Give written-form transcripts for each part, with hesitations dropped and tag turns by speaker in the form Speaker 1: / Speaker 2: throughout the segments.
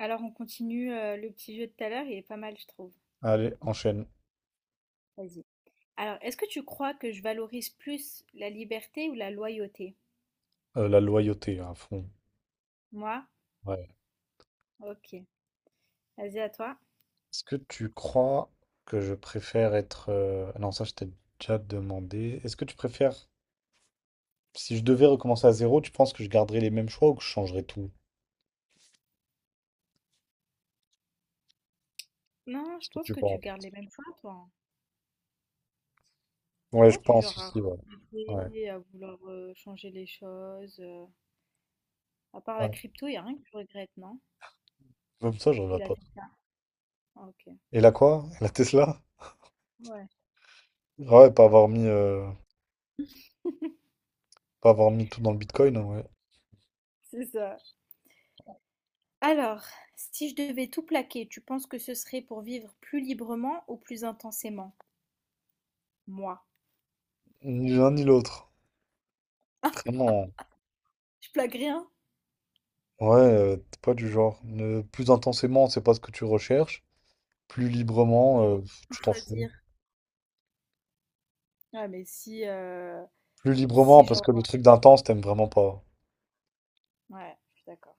Speaker 1: Alors on continue le petit jeu de tout à l'heure, il est pas mal, je trouve.
Speaker 2: Allez, enchaîne.
Speaker 1: Vas-y. Alors, est-ce que tu crois que je valorise plus la liberté ou la loyauté?
Speaker 2: La loyauté à fond.
Speaker 1: Moi?
Speaker 2: Ouais.
Speaker 1: Ok. Vas-y, à toi.
Speaker 2: Est-ce que tu crois que je préfère être... Non, ça, je t'ai déjà demandé. Est-ce que tu préfères... Si je devais recommencer à zéro, tu penses que je garderais les mêmes choix ou que je changerais tout?
Speaker 1: Non, je
Speaker 2: Ce que
Speaker 1: pense
Speaker 2: tu
Speaker 1: que tu
Speaker 2: penses.
Speaker 1: gardes les mêmes choix, toi, hein. T'es
Speaker 2: Ouais, je
Speaker 1: pas du
Speaker 2: pense
Speaker 1: genre à
Speaker 2: aussi, ouais. Ouais.
Speaker 1: regretter, à vouloir changer les choses. À part la
Speaker 2: Ouais.
Speaker 1: crypto, il a rien que tu regrettes, non?
Speaker 2: Même ça, je
Speaker 1: Et
Speaker 2: regrette
Speaker 1: la
Speaker 2: pas.
Speaker 1: Tesla. Ah, ok.
Speaker 2: Et la quoi? Et la Tesla?
Speaker 1: Ouais,
Speaker 2: Ah ouais, pas avoir pas avoir mis tout dans le Bitcoin, hein, ouais.
Speaker 1: c'est ça. Alors, si je devais tout plaquer, tu penses que ce serait pour vivre plus librement ou plus intensément? Moi.
Speaker 2: Ni l'un ni l'autre. Vraiment.
Speaker 1: Je plaque rien?
Speaker 2: Ouais, t'es pas du genre. Plus intensément, c'est pas ce que tu recherches. Plus librement,
Speaker 1: Oui,
Speaker 2: euh,
Speaker 1: mais faut
Speaker 2: Tu t'en fous.
Speaker 1: choisir. Ouais, mais
Speaker 2: Plus librement,
Speaker 1: si
Speaker 2: parce que le
Speaker 1: genre...
Speaker 2: truc d'intense, t'aimes vraiment pas.
Speaker 1: Ouais, je suis d'accord.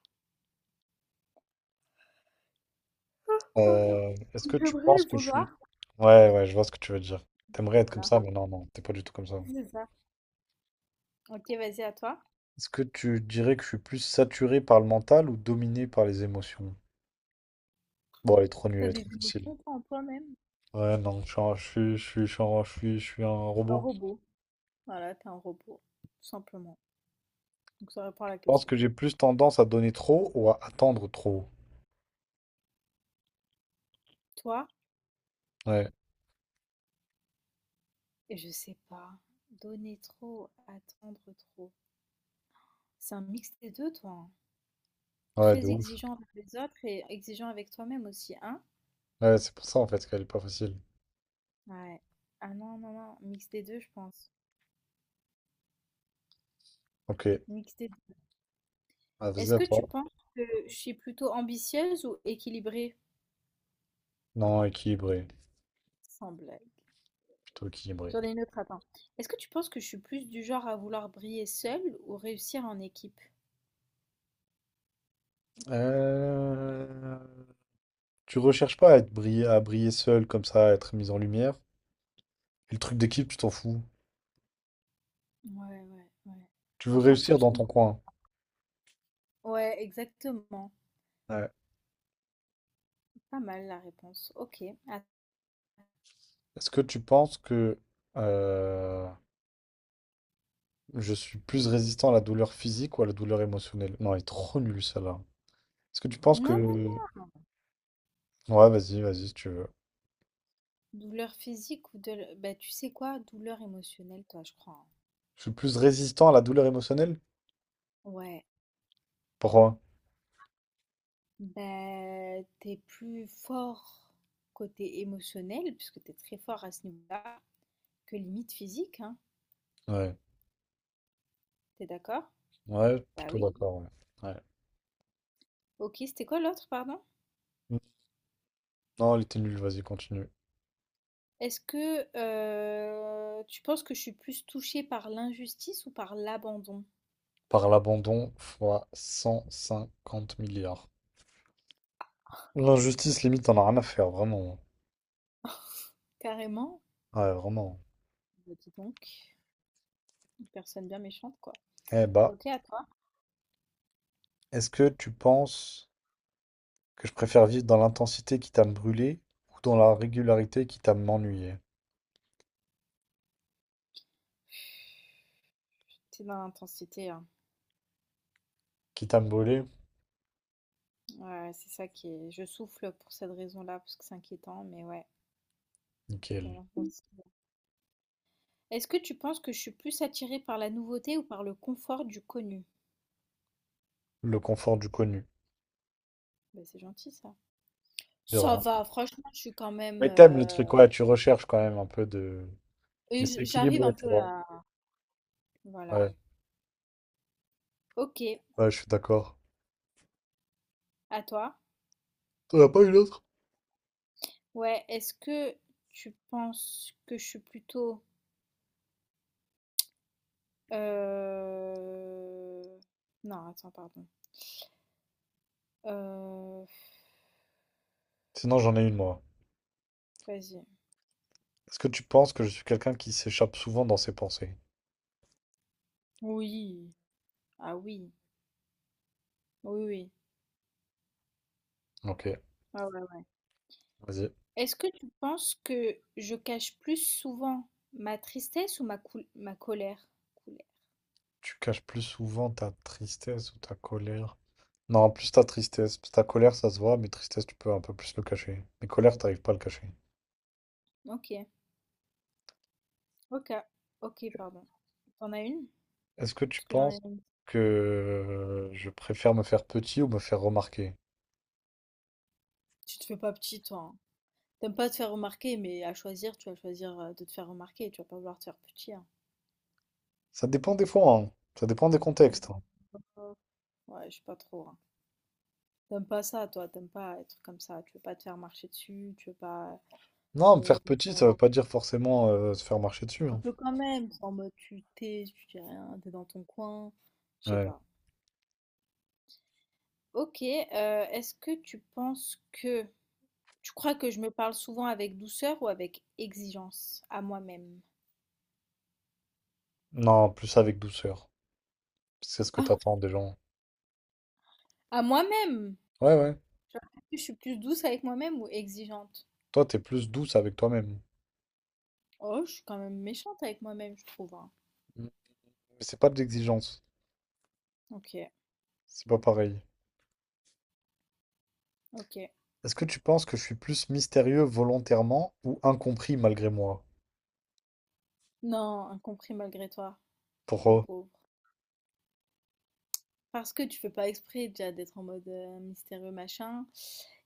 Speaker 1: Oh non.
Speaker 2: Est-ce que tu
Speaker 1: J'aimerais
Speaker 2: penses
Speaker 1: le
Speaker 2: que je
Speaker 1: vouloir.
Speaker 2: suis... Ouais, ouais, je vois ce que tu veux dire. T'aimerais être comme
Speaker 1: Voilà.
Speaker 2: ça, mais non, non, t'es pas du tout comme ça.
Speaker 1: C'est ça. Ok, vas-y, à toi.
Speaker 2: Est-ce que tu dirais que je suis plus saturé par le mental ou dominé par les émotions? Bon, elle est trop nulle,
Speaker 1: T'as
Speaker 2: elle est
Speaker 1: des
Speaker 2: trop facile.
Speaker 1: émotions toi, en toi-même.
Speaker 2: Ouais, non, je suis, je suis, je suis, je suis un
Speaker 1: Un
Speaker 2: robot. Je
Speaker 1: robot. Voilà, t'es un robot, tout simplement. Donc ça répond à la
Speaker 2: pense
Speaker 1: question.
Speaker 2: que j'ai plus tendance à donner trop ou à attendre trop.
Speaker 1: Toi,
Speaker 2: Ouais,
Speaker 1: et je sais pas, donner trop, attendre trop. C'est un mix des deux, toi, hein.
Speaker 2: ouais, de
Speaker 1: Très
Speaker 2: ouf.
Speaker 1: exigeant avec les autres et exigeant avec toi-même aussi, hein?
Speaker 2: Ouais, c'est pour ça en fait qu'elle est pas facile.
Speaker 1: Ouais. Ah non, non, non, mix des deux, je pense.
Speaker 2: Ok,
Speaker 1: Mix des
Speaker 2: Ah, vas-y
Speaker 1: Est-ce
Speaker 2: à
Speaker 1: que tu
Speaker 2: toi.
Speaker 1: penses que je suis plutôt ambitieuse ou équilibrée?
Speaker 2: Non, équilibré.
Speaker 1: Sans blague.
Speaker 2: Tout équilibré.
Speaker 1: J'en ai une autre, attends. Est-ce que tu penses que je suis plus du genre à vouloir briller seule ou réussir en équipe?
Speaker 2: Euh, Tu recherches pas à briller seul comme ça, à être mis en lumière. Et le truc d'équipe, tu t'en fous.
Speaker 1: Ouais, ouais, ouais.
Speaker 2: Tu veux
Speaker 1: En fait, je
Speaker 2: réussir
Speaker 1: je
Speaker 2: dans ton
Speaker 1: comprends.
Speaker 2: coin.
Speaker 1: Ouais, exactement.
Speaker 2: Ouais.
Speaker 1: Pas mal la réponse. Ok. Ah.
Speaker 2: Est-ce que tu penses que euh, je suis plus résistant à la douleur physique ou à la douleur émotionnelle? Non, il est trop nul celle-là. Est-ce que tu penses
Speaker 1: Non, non,
Speaker 2: que...
Speaker 1: non.
Speaker 2: Ouais, vas-y, vas-y, si tu veux.
Speaker 1: Douleur physique ou de... Bah, tu sais quoi? Douleur émotionnelle, toi, je crois, hein.
Speaker 2: Je suis plus résistant à la douleur émotionnelle?
Speaker 1: Ouais.
Speaker 2: Pourquoi?
Speaker 1: Bah, t'es plus fort côté émotionnel, puisque t'es très fort à ce niveau-là, que limite physique, hein.
Speaker 2: Ouais.
Speaker 1: T'es d'accord?
Speaker 2: Ouais,
Speaker 1: Bah
Speaker 2: plutôt
Speaker 1: oui.
Speaker 2: d'accord. Ouais.
Speaker 1: Ok, c'était quoi l'autre, pardon?
Speaker 2: Ouais. Non, il était nul, vas-y, continue.
Speaker 1: Est-ce que tu penses que je suis plus touchée par l'injustice ou par l'abandon?
Speaker 2: Par l'abandon fois 150 milliards. L'injustice, limite, t'en as rien à faire, vraiment.
Speaker 1: Carrément?
Speaker 2: Ouais, vraiment.
Speaker 1: Bah dis donc, une personne bien méchante, quoi.
Speaker 2: Eh bah,
Speaker 1: Ok, à toi.
Speaker 2: est-ce que tu penses que je préfère vivre dans l'intensité qui t'a me brûlé ou dans la régularité qui t'a m'ennuyé?
Speaker 1: C'est dans l'intensité, hein.
Speaker 2: Qui t'a me brûlé?
Speaker 1: Ouais, c'est ça qui est... Je souffle pour cette raison-là, parce que c'est inquiétant, mais ouais. C'est
Speaker 2: Nickel.
Speaker 1: dans l'intensité. Est-ce que tu penses que je suis plus attirée par la nouveauté ou par le confort du connu?
Speaker 2: Le confort du connu,
Speaker 1: Bah, c'est gentil, ça.
Speaker 2: de
Speaker 1: Ça
Speaker 2: rien.
Speaker 1: va, franchement, je suis quand même...
Speaker 2: Mais t'aimes le truc, ouais, tu recherches quand même un peu de... Mais
Speaker 1: et
Speaker 2: c'est
Speaker 1: j'arrive
Speaker 2: équilibré,
Speaker 1: un
Speaker 2: tu
Speaker 1: peu
Speaker 2: vois.
Speaker 1: à... Voilà.
Speaker 2: Ouais,
Speaker 1: Ok,
Speaker 2: ouais, je suis d'accord.
Speaker 1: à toi.
Speaker 2: T'en as pas une autre?
Speaker 1: Ouais, est-ce que tu penses que je suis plutôt... euh, Non, attends, pardon. Euh,
Speaker 2: Sinon, j'en ai une, moi.
Speaker 1: Vas-y.
Speaker 2: Est-ce que tu penses que je suis quelqu'un qui s'échappe souvent dans ses pensées?
Speaker 1: Oui. Ah oui. Oui, oui.
Speaker 2: Ok,
Speaker 1: Ah ouais, ouais.
Speaker 2: vas-y.
Speaker 1: Est-ce que tu penses que je cache plus souvent ma tristesse ou ma colère? Colère.
Speaker 2: Tu caches plus souvent ta tristesse ou ta colère. Non, plus ta tristesse. Parce que ta colère, ça se voit, mais tristesse, tu peux un peu plus le cacher. Mais colère, t'arrives pas à le cacher.
Speaker 1: Ok. Ok. Ok, pardon. T'en as une?
Speaker 2: Est-ce que tu
Speaker 1: Parce que j'en
Speaker 2: penses
Speaker 1: ai une.
Speaker 2: que je préfère me faire petit ou me faire remarquer?
Speaker 1: Tu te fais pas petit, toi. T'aimes pas te faire remarquer, mais à choisir, tu vas choisir de te faire remarquer. Tu vas pas vouloir te faire petit, hein.
Speaker 2: Ça dépend des fois, hein. Ça dépend des contextes, hein.
Speaker 1: Ouais, je sais pas trop, hein. T'aimes pas ça, toi. T'aimes pas être comme ça. Tu veux pas te faire marcher dessus. Tu veux pas
Speaker 2: Non, me faire
Speaker 1: qu'on
Speaker 2: petit, ça
Speaker 1: s'en...
Speaker 2: veut pas dire forcément se faire marcher dessus,
Speaker 1: Un
Speaker 2: hein.
Speaker 1: peu quand même. En mode, tu t'es, tu dis rien, t'es dans ton coin. Je sais
Speaker 2: Ouais.
Speaker 1: pas. Ok. Est-ce que tu penses que... Tu crois que je me parle souvent avec douceur ou avec exigence à moi-même?
Speaker 2: Non, plus avec douceur. C'est ce que
Speaker 1: Ah,
Speaker 2: t'attends des gens.
Speaker 1: à moi-même!
Speaker 2: Ouais, ouais.
Speaker 1: Genre, est-ce que je suis plus douce avec moi-même ou exigeante?
Speaker 2: Toi, t'es plus douce avec toi-même.
Speaker 1: Oh, je suis quand même méchante avec moi-même, je trouve, hein.
Speaker 2: Mais c'est pas de l'exigence.
Speaker 1: OK,
Speaker 2: C'est pas pareil.
Speaker 1: OK.
Speaker 2: Est-ce que tu penses que je suis plus mystérieux volontairement ou incompris malgré moi?
Speaker 1: Non, incompris malgré toi, mon
Speaker 2: Pourquoi?
Speaker 1: pauvre. Parce que tu fais pas exprès déjà d'être en mode mystérieux machin.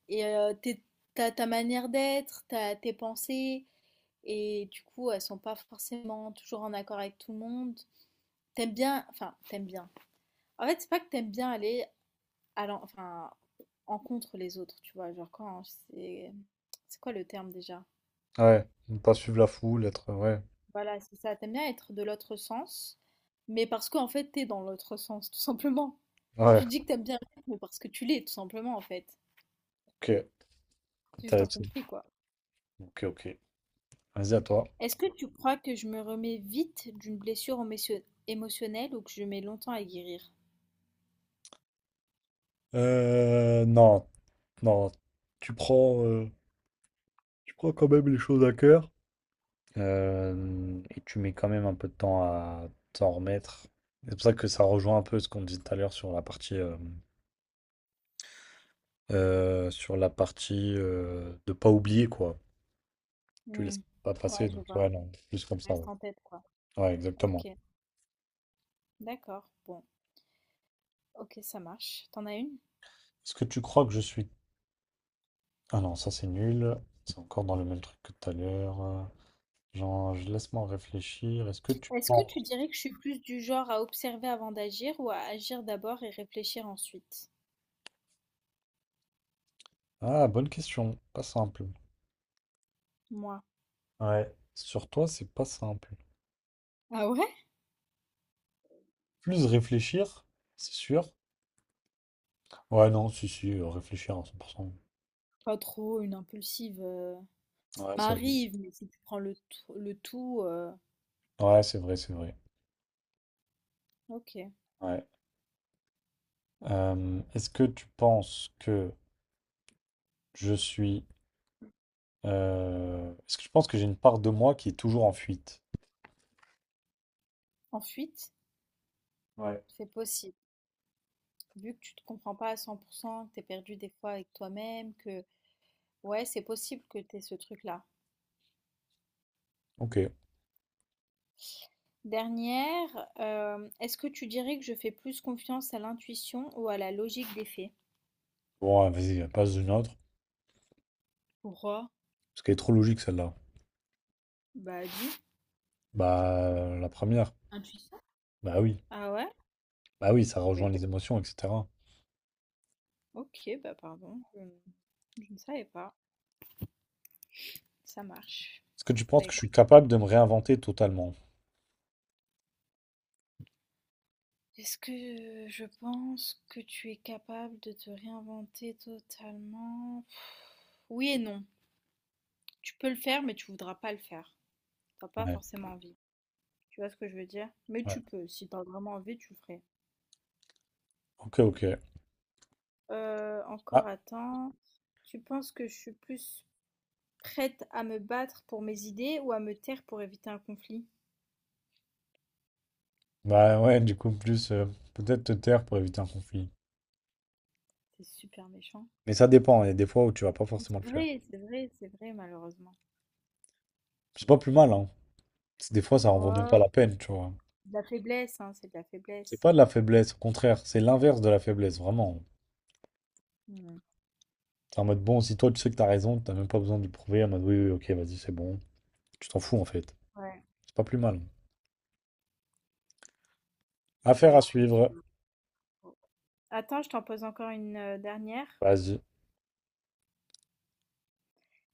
Speaker 1: Et t'as ta manière d'être, t'as tes pensées, et du coup, elles sont pas forcément toujours en accord avec tout le monde. T'aimes bien, enfin, t'aimes bien. En fait, c'est pas que t'aimes bien aller enfin, en contre les autres, tu vois. Genre quand c'est quoi le terme déjà?
Speaker 2: Ouais, ne pas suivre la foule,
Speaker 1: Voilà, c'est ça. T'aimes bien être de l'autre sens, mais parce qu'en fait, t'es dans l'autre sens, tout simplement.
Speaker 2: Ouais, ouais,
Speaker 1: Tu dis que t'aimes bien le rythme parce que tu l'es, tout simplement, en fait.
Speaker 2: ok,
Speaker 1: C'est juste
Speaker 2: intéressant.
Speaker 1: incompris, quoi.
Speaker 2: Ok, ok, vas-y à toi.
Speaker 1: Est-ce que tu crois que je me remets vite d'une blessure émotionnelle ou que je mets longtemps à guérir?
Speaker 2: Euh, non, non, tu tu prends quand même les choses à cœur. Et tu mets quand même un peu de temps à t'en remettre. C'est pour ça que ça rejoint un peu ce qu'on disait tout à l'heure sur la partie de pas oublier, quoi. Tu laisses
Speaker 1: Hmm.
Speaker 2: pas passer,
Speaker 1: Ouais, je
Speaker 2: donc
Speaker 1: vois.
Speaker 2: ouais, non, plus comme ça, ouais.
Speaker 1: Reste en tête, quoi.
Speaker 2: Ouais,
Speaker 1: Ok,
Speaker 2: exactement.
Speaker 1: d'accord. Bon, ok, ça marche. T'en as une?
Speaker 2: Est-ce que tu crois que je suis... Ah non, ça c'est nul. C'est encore dans le même truc que tout à l'heure. Genre, je laisse-moi réfléchir. Est-ce que tu
Speaker 1: Est-ce que tu
Speaker 2: penses...
Speaker 1: dirais que je suis plus du genre à observer avant d'agir ou à agir d'abord et réfléchir ensuite?
Speaker 2: Ah, bonne question. Pas simple.
Speaker 1: Moi.
Speaker 2: Ouais. Sur toi, c'est pas simple.
Speaker 1: Ah ouais?
Speaker 2: Plus réfléchir, c'est sûr. Ouais, non, si, si, réfléchir à 100%.
Speaker 1: Pas trop une impulsive, ça
Speaker 2: Ouais, c'est vrai.
Speaker 1: m'arrive, mais si tu prends le tout.
Speaker 2: Ouais, c'est vrai, c'est vrai.
Speaker 1: OK.
Speaker 2: Ouais. Est-ce que tu penses que je suis... Est-ce que tu penses que j'ai une part de moi qui est toujours en fuite?
Speaker 1: En fuite,
Speaker 2: Ouais.
Speaker 1: c'est possible. Vu que tu te comprends pas à 100%, que tu es perdu des fois avec toi-même, que ouais, c'est possible que tu ce truc-là.
Speaker 2: Ok.
Speaker 1: Dernière, est-ce que tu dirais que je fais plus confiance à l'intuition ou à la logique des faits?
Speaker 2: Bon, ah, vas-y, passe une autre.
Speaker 1: Pourquoi?
Speaker 2: Parce qu'elle est trop logique celle-là.
Speaker 1: Bah, dis.
Speaker 2: Bah, la première.
Speaker 1: Intuition?
Speaker 2: Bah oui.
Speaker 1: Ah ouais?
Speaker 2: Bah oui, ça
Speaker 1: Bah,
Speaker 2: rejoint les
Speaker 1: écoute,
Speaker 2: émotions, etc.
Speaker 1: OK, bah, pardon, je ne savais pas. Ça marche.
Speaker 2: Est-ce que tu
Speaker 1: Bah,
Speaker 2: penses que je suis
Speaker 1: écoute.
Speaker 2: capable de me réinventer totalement?
Speaker 1: Est-ce que je pense que tu es capable de te réinventer totalement? Oui et non. Tu peux le faire, mais tu voudras pas le faire. T'as pas
Speaker 2: Ouais.
Speaker 1: forcément envie. Tu vois ce que je veux dire? Mais
Speaker 2: Ouais.
Speaker 1: tu peux. Si t'as vraiment envie, tu le ferais.
Speaker 2: Ok, ok. Ah,
Speaker 1: Encore attends. Tu penses que je suis plus prête à me battre pour mes idées ou à me taire pour éviter un conflit?
Speaker 2: bah ouais, du coup, plus peut-être te taire pour éviter un conflit.
Speaker 1: C'est super méchant.
Speaker 2: Mais ça dépend. Il y a des fois où tu vas pas forcément le
Speaker 1: C'est
Speaker 2: faire.
Speaker 1: vrai, c'est vrai, c'est vrai, malheureusement.
Speaker 2: C'est pas plus mal, hein. Parce des fois, ça en vaut même
Speaker 1: Ouais,
Speaker 2: pas la peine, tu vois.
Speaker 1: de la faiblesse, hein, c'est de la
Speaker 2: C'est
Speaker 1: faiblesse.
Speaker 2: pas de la faiblesse, au contraire, c'est l'inverse de la faiblesse, vraiment.
Speaker 1: Hmm.
Speaker 2: C'est en mode bon, si toi tu sais que t'as raison, t'as même pas besoin de le prouver, en mode oui, oui, ok, vas-y, c'est bon. Tu t'en fous en fait.
Speaker 1: Ouais.
Speaker 2: C'est pas plus mal.
Speaker 1: Bon,
Speaker 2: Affaire à
Speaker 1: écoute.
Speaker 2: suivre.
Speaker 1: Oh. Attends, je t'en pose encore une dernière.
Speaker 2: Vas-y.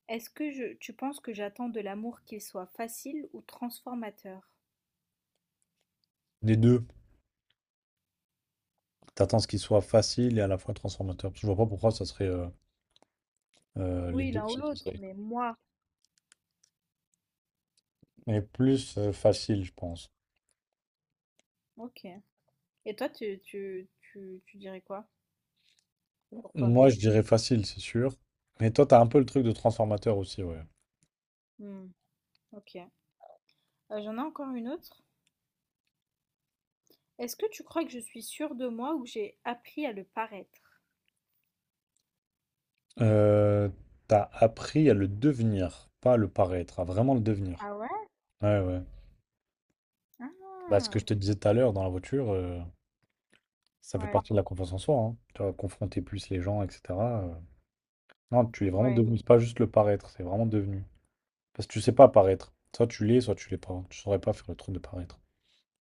Speaker 1: Est-ce que tu penses que j'attends de l'amour qu'il soit facile ou transformateur?
Speaker 2: Les deux. T'attends ce qu'il soit facile et à la fois transformateur. Parce que je vois pas pourquoi ça serait les
Speaker 1: Oui,
Speaker 2: deux
Speaker 1: l'un ou
Speaker 2: qui
Speaker 1: l'autre,
Speaker 2: seraient.
Speaker 1: mais moi.
Speaker 2: Mais plus facile, je pense.
Speaker 1: Ok. Et toi, tu dirais quoi pour
Speaker 2: Moi, je
Speaker 1: toi-même?
Speaker 2: dirais facile, c'est sûr. Mais toi, t'as un peu le truc de transformateur aussi, ouais.
Speaker 1: Hmm, ok. J'en ai encore une autre. Est-ce que tu crois que je suis sûre de moi ou que j'ai appris à le paraître?
Speaker 2: Euh, t'as appris à le devenir, pas à le paraître, à vraiment le devenir.
Speaker 1: Ah ouais?
Speaker 2: Ouais, ouais. Bah, ce que
Speaker 1: Ah,
Speaker 2: je te disais tout à l'heure dans la voiture, ça fait
Speaker 1: ouais,
Speaker 2: partie de la confiance en soi, hein. Tu vas confronter plus les gens, etc, euh. Non, tu es vraiment
Speaker 1: ouais.
Speaker 2: devenu. C'est pas juste le paraître, c'est vraiment devenu. Parce que tu sais pas paraître. Soit tu l'es pas. Tu saurais pas faire le truc de paraître.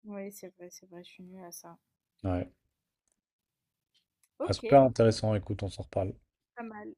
Speaker 1: Oui, c'est vrai, je suis nulle à ça.
Speaker 2: Ouais. Bah,
Speaker 1: Ok,
Speaker 2: super intéressant. Écoute, on s'en reparle.
Speaker 1: pas mal.